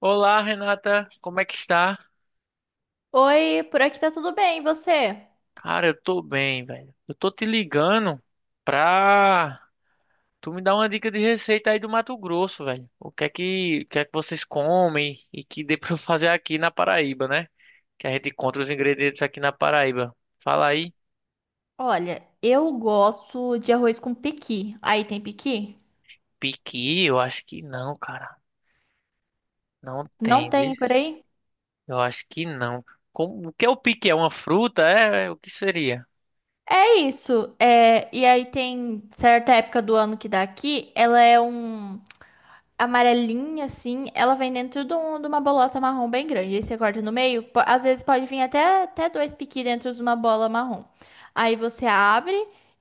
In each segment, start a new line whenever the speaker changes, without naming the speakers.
Olá, Renata, como é que está?
Oi, por aqui tá tudo bem, e você?
Cara, eu tô bem, velho. Eu tô te ligando pra tu me dar uma dica de receita aí do Mato Grosso, velho. O que é que vocês comem e que dê pra eu fazer aqui na Paraíba, né? Que a gente encontra os ingredientes aqui na Paraíba. Fala aí.
Olha, eu gosto de arroz com pequi. Aí tem pequi?
Piqui? Eu acho que não, cara. Não
Não
tem, viu?
tem por aí?
Eu acho que não. Como, o que é o piqui? É uma fruta? O que seria?
É isso. É, e aí tem certa época do ano que dá aqui, ela é um amarelinha, assim, ela vem dentro de uma bolota marrom bem grande. Aí você corta no meio, às vezes pode vir até dois piqui dentro de uma bola marrom. Aí você abre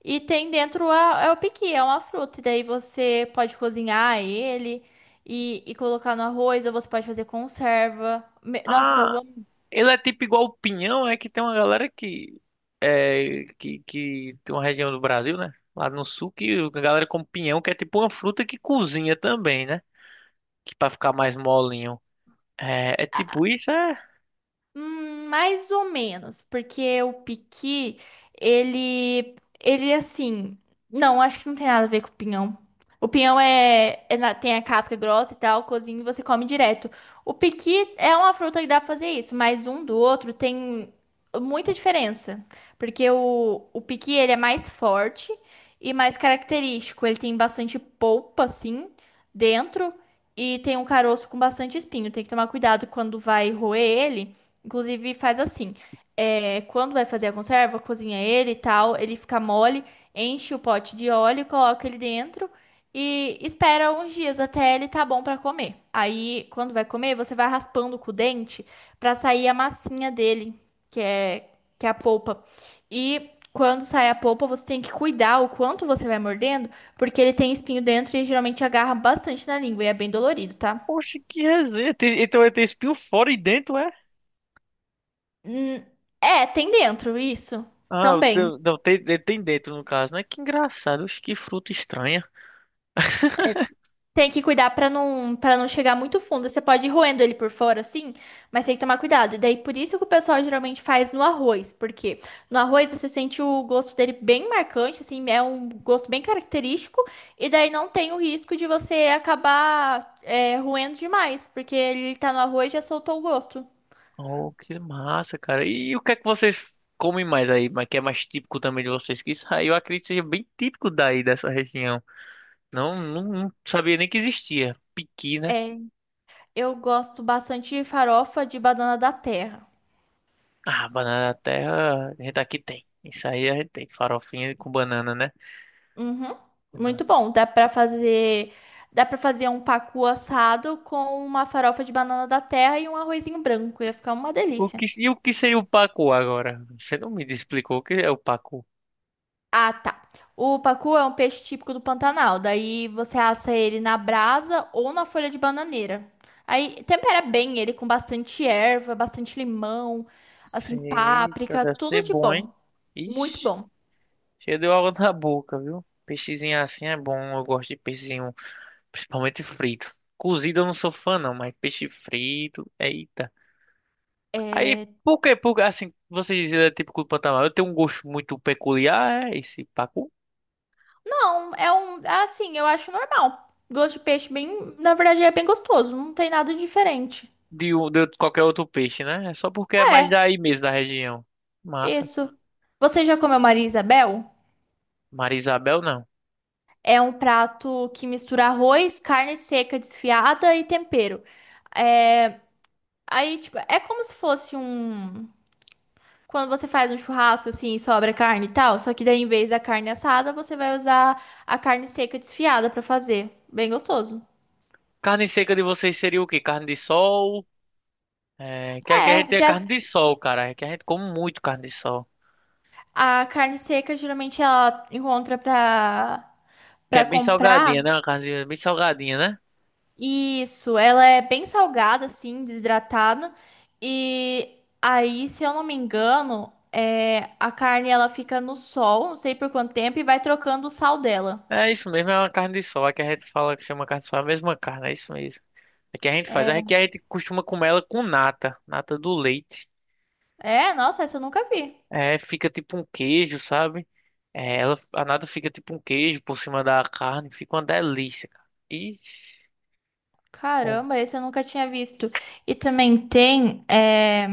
e tem dentro é o piqui, é uma fruta. E daí você pode cozinhar ele e colocar no arroz, ou você pode fazer conserva. Nossa, eu
Ah.
amo.
Ele é tipo igual o pinhão, é que tem uma galera que tem uma região do Brasil, né? Lá no sul, que a galera come pinhão, que é tipo uma fruta que cozinha também, né? Que pra ficar mais molinho. É, é tipo isso, é?
Mais ou menos, porque o piqui, ele, ele assim, não, acho que não tem nada a ver com o pinhão. O pinhão é, tem a casca grossa e tal, cozinha e você come direto. O piqui é uma fruta que dá pra fazer isso, mas um do outro tem muita diferença, porque o piqui, ele é mais forte e mais característico, ele tem bastante polpa, assim, dentro, e tem um caroço com bastante espinho, tem que tomar cuidado quando vai roer ele. Inclusive, faz assim. É, quando vai fazer a conserva, cozinha ele e tal, ele fica mole, enche o pote de óleo, coloca ele dentro e espera uns dias até ele tá bom pra comer. Aí, quando vai comer, você vai raspando com o dente pra sair a massinha dele, que é, que é a polpa. E quando sai a polpa, você tem que cuidar o quanto você vai mordendo, porque ele tem espinho dentro e geralmente agarra bastante na língua e é bem dolorido, tá?
Poxa, que resenha. Tem- então ele tem espinho fora e dentro, é?
É, tem dentro, isso.
Ah, o
Também.
teu- não, tem, ele tem dentro no caso, né? Que engraçado, oxe, que fruta estranha.
Tem que cuidar pra não, para não chegar muito fundo. Você pode ir roendo ele por fora, assim, mas tem que tomar cuidado. E daí, por isso que o pessoal geralmente faz no arroz, porque no arroz você sente o gosto dele bem marcante, assim, é um gosto bem característico, e daí não tem o risco de você acabar roendo demais, porque ele tá no arroz e já soltou o gosto.
Oh, que massa, cara. E o que é que vocês comem mais aí? Mas que é mais típico também de vocês? Que isso aí eu acredito que seja bem típico daí dessa região. Não, não sabia nem que existia. Piqui, né?
É, eu gosto bastante de farofa de banana da terra.
Ah, banana da terra, a gente aqui tem. Isso aí a gente tem. Farofinha com banana, né?
Uhum. Muito bom. Dá para fazer um pacu assado com uma farofa de banana da terra e um arrozinho branco. Ia ficar uma
O
delícia.
que, e o que seria o pacu agora? Você não me explicou o que é o pacu.
Ah, tá. O pacu é um peixe típico do Pantanal. Daí você assa ele na brasa ou na folha de bananeira. Aí tempera bem ele com bastante erva, bastante limão, assim,
Eita,
páprica,
deve ser
tudo de
bom,
bom.
hein?
Muito
Ixi,
bom.
cheio de água na boca, viu? Peixezinho assim é bom. Eu gosto de peixezinho, principalmente frito. Cozido eu não sou fã, não, mas peixe frito, eita. Aí,
É,
assim, vocês é típico do Pantanal? Eu tenho um gosto muito peculiar, é esse pacu,
não, é um. Assim, eu acho normal. Gosto de peixe bem. Na verdade, é bem gostoso. Não tem nada diferente.
de, um- de qualquer outro peixe, né? É só porque é mais
É,
daí mesmo, da região. Massa.
isso. Você já comeu Maria Isabel?
Marisabel, não.
É um prato que mistura arroz, carne seca desfiada e tempero. É, aí, tipo, é como se fosse um. Quando você faz um churrasco assim, e sobra carne e tal, só que daí em vez da carne assada, você vai usar a carne seca desfiada pra fazer. Bem gostoso.
Carne seca de vocês seria o quê? Carne de sol? É, que aqui a gente
É,
tem
já
carne de sol, cara. Que a gente come muito carne de sol.
a carne seca geralmente ela encontra pra
Que é
para
bem
comprar.
salgadinha, né? Uma carne bem salgadinha, né?
Isso, ela é bem salgada assim, desidratada. E aí, se eu não me engano, é, a carne ela fica no sol, não sei por quanto tempo e vai trocando o sal dela.
É isso mesmo, é uma carne de sol. Aqui a gente fala que chama carne de sol, é a mesma carne, é isso mesmo. Aqui a gente costuma comer ela com nata, nata do leite.
É, nossa, essa eu nunca vi.
É, fica tipo um queijo, sabe? É, ela, a nata fica tipo um queijo por cima da carne, fica uma delícia, cara. Ixi, é.
Caramba, esse eu nunca tinha visto. E também tem, é,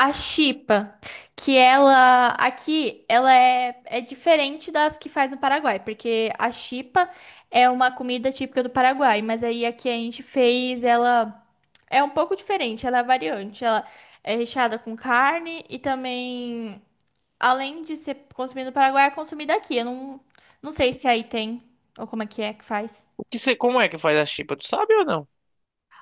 a chipa, que ela aqui, é diferente das que faz no Paraguai, porque a chipa é uma comida típica do Paraguai, mas aí aqui a gente fez ela é um pouco diferente, ela é variante, ela é recheada com carne e também além de ser consumida no Paraguai, é consumida aqui. Eu não, não sei se aí tem ou como é que faz.
O que você, como é que faz a chipa? Tu sabe ou não?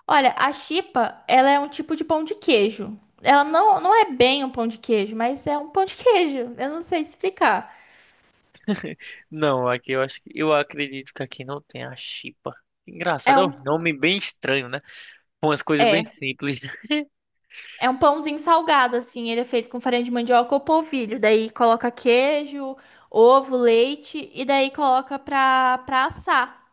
Olha, a chipa, ela é um tipo de pão de queijo. Ela não, não é bem um pão de queijo, mas é um pão de queijo. Eu não sei te explicar.
Não, aqui eu acho que eu acredito que aqui não tem a chipa.
É
Engraçado, é um
um,
nome bem estranho, né? Com umas coisas
é,
bem simples.
é um pãozinho salgado, assim. Ele é feito com farinha de mandioca ou polvilho. Daí coloca queijo, ovo, leite e daí coloca pra assar.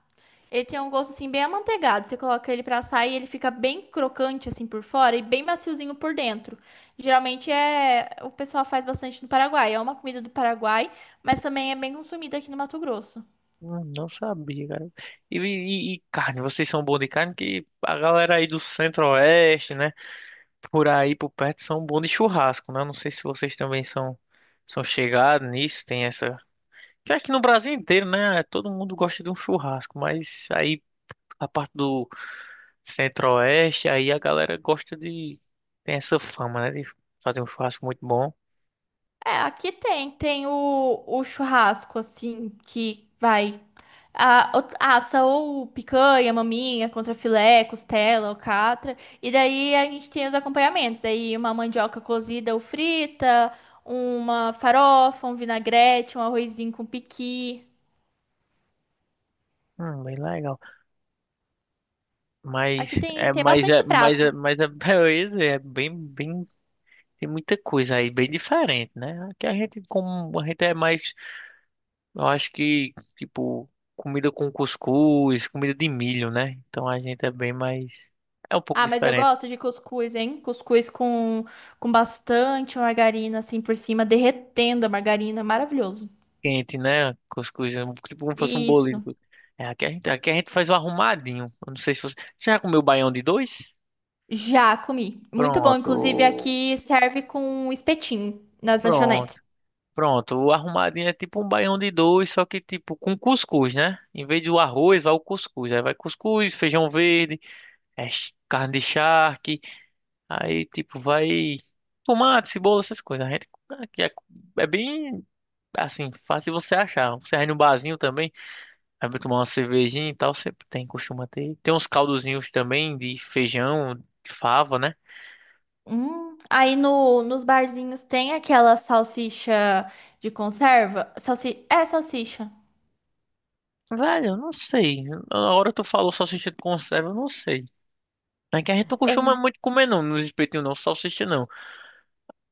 Ele tem um gosto assim bem amanteigado. Você coloca ele pra assar e ele fica bem crocante assim por fora e bem maciozinho por dentro. Geralmente é o pessoal faz bastante no Paraguai. É uma comida do Paraguai, mas também é bem consumida aqui no Mato Grosso.
Não sabia, cara. E carne, vocês são bons de carne que a galera aí do Centro-Oeste, né? Por aí por perto são bons de churrasco, né? Não sei se vocês também são são chegados nisso, tem essa. Que aqui no Brasil inteiro, né? Todo mundo gosta de um churrasco, mas aí a parte do Centro-Oeste, aí a galera gosta de tem essa fama, né? De fazer um churrasco muito bom.
É, aqui tem, tem o churrasco, assim, que vai. Assa ou picanha, maminha, contrafilé, costela, alcatra. E daí a gente tem os acompanhamentos. Aí uma mandioca cozida ou frita, uma farofa, um vinagrete, um arrozinho com piqui.
Bem legal.
Aqui tem, tem bastante prato.
Beleza, bem, tem muita coisa aí bem diferente, né? Aqui a gente como a gente é mais eu acho que, tipo, comida com cuscuz, comida de milho, né? Então a gente é bem mais. É um pouco
Ah, mas eu
diferente.
gosto de cuscuz, hein? Com bastante margarina, assim, por cima, derretendo a margarina. Maravilhoso.
Quente, né? Cuscuz, é um- tipo como fosse um bolinho.
Isso.
É, aqui a gente faz o arrumadinho. Eu não sei se você. Você já comeu baião de dois?
Já comi. Muito bom. Inclusive,
Pronto.
aqui serve com espetinho nas
Pronto.
lanchonetes.
Pronto. O arrumadinho é tipo um baião de dois, só que tipo com cuscuz, né? Em vez do arroz, vai o cuscuz. Aí vai cuscuz, feijão verde, é, ch- carne de charque. Aí, tipo, vai tomate, cebola, essas coisas. A gente aqui é, é bem assim, fácil você achar. Você vai no barzinho também, aí vai tomar uma cervejinha e tal, sempre tem, costuma ter. Tem uns caldozinhos também de feijão, de fava, né?
Hum. Aí no, nos barzinhos tem aquela salsicha de conserva. Salsi... É salsicha.
Velho, eu não sei. Na hora tu falou salsicha de conserva, eu não sei. É que a gente não costuma
É.
muito comer não, nos espetinhos não, salsicha não.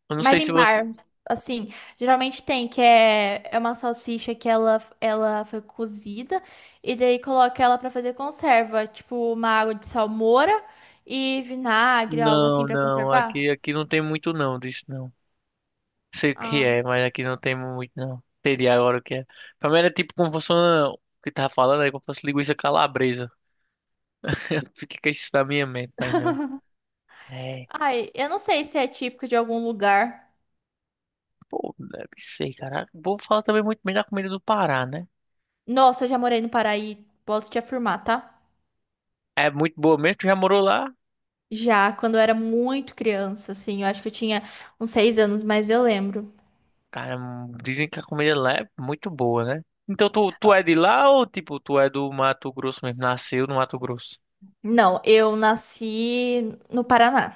Eu não
Mas
sei se
em
você.
bar, assim, geralmente tem, é uma salsicha ela foi cozida e daí coloca ela pra fazer conserva, tipo uma água de salmoura e vinagre, algo assim
Não,
pra
não,
conservar.
aqui, aqui não tem muito não disso não. Sei o que
Ah.
é, mas aqui não tem muito, não. Entendi agora o que é. Pra mim era tipo como fosse uma... O que tava falando aí, como fosse linguiça calabresa. Fica com isso na minha mente, mas não. É,
Ai, eu não sei se é típico de algum lugar.
pô, deve ser, cara. Vou falar também muito bem da comida do Pará, né?
Nossa, eu já morei no Paraí, posso te afirmar, tá?
É muito boa mesmo, tu já morou lá?
Já, quando eu era muito criança, assim, eu acho que eu tinha uns 6 anos, mas eu lembro.
Cara, dizem que a comida lá é muito boa, né? Então tu é de lá ou tipo, tu é do Mato Grosso mesmo? Nasceu no Mato Grosso?
Não, eu nasci no Paraná.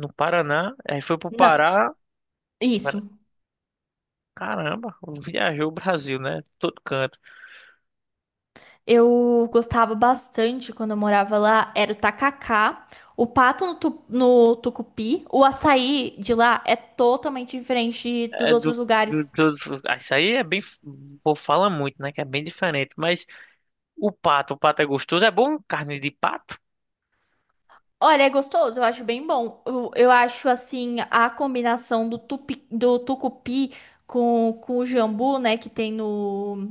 No Paraná, aí foi pro
Não,
Pará. Pará-
isso.
Caramba, viajou o Brasil, né? Todo canto.
Eu gostava bastante quando eu morava lá, era o tacacá, o pato no, tu- no tucupi, o açaí de lá é totalmente diferente dos
É
outros
do, do,
lugares.
do- ah, isso aí é bem. O povo fala muito, né? Que é bem diferente. Mas o pato é gostoso. É bom carne de pato?
Olha, é gostoso, eu acho bem bom. Eu acho assim a combinação do tucupi com o jambu, né, que tem no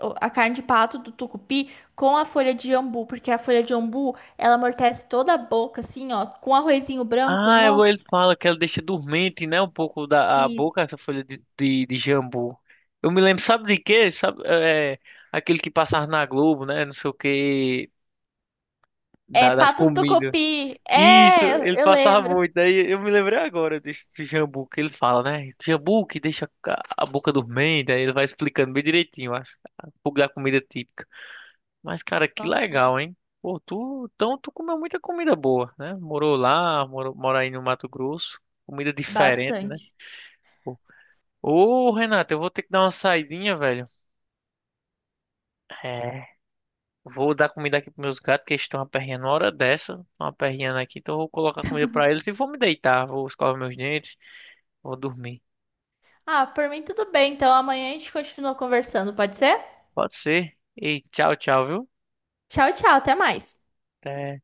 o- a carne de pato do tucupi com a folha de jambu, porque a folha de jambu, ela amortece toda a boca assim, ó, com arrozinho branco.
Ah, eu- ele
Nossa,
fala que ela deixa dormente, né? Um pouco da a
e
boca, essa folha de jambu. Eu me lembro, sabe de quê? Sabe, é, aquele que passava na Globo, né? Não sei o quê.
é
Da, das
pato no
comidas.
tucupi.
Isso,
É,
ele
eu
passava
lembro.
muito. Daí eu me lembrei agora desse jambu que ele fala, né? Jambu que deixa a boca dormente, aí ele vai explicando bem direitinho as, a pouco da comida típica. Mas, cara, que
Nossa,
legal, hein? Pô, tu, então tu comeu muita comida boa, né? Morou lá, morou, mora aí no Mato Grosso. Comida diferente, né?
bastante.
Pô. Ô, Renato, eu vou ter que dar uma saidinha, velho. É, vou dar comida aqui pros meus gatos, que eles estão aperreando uma hora dessa. Estão aperreando aqui, então eu vou colocar comida pra eles e vou me deitar, vou escovar meus dentes. Vou dormir.
Ah, por mim tudo bem. Então amanhã a gente continua conversando, pode ser?
Pode ser? Ei, tchau, tchau, viu?
Tchau, tchau, até mais.
Até.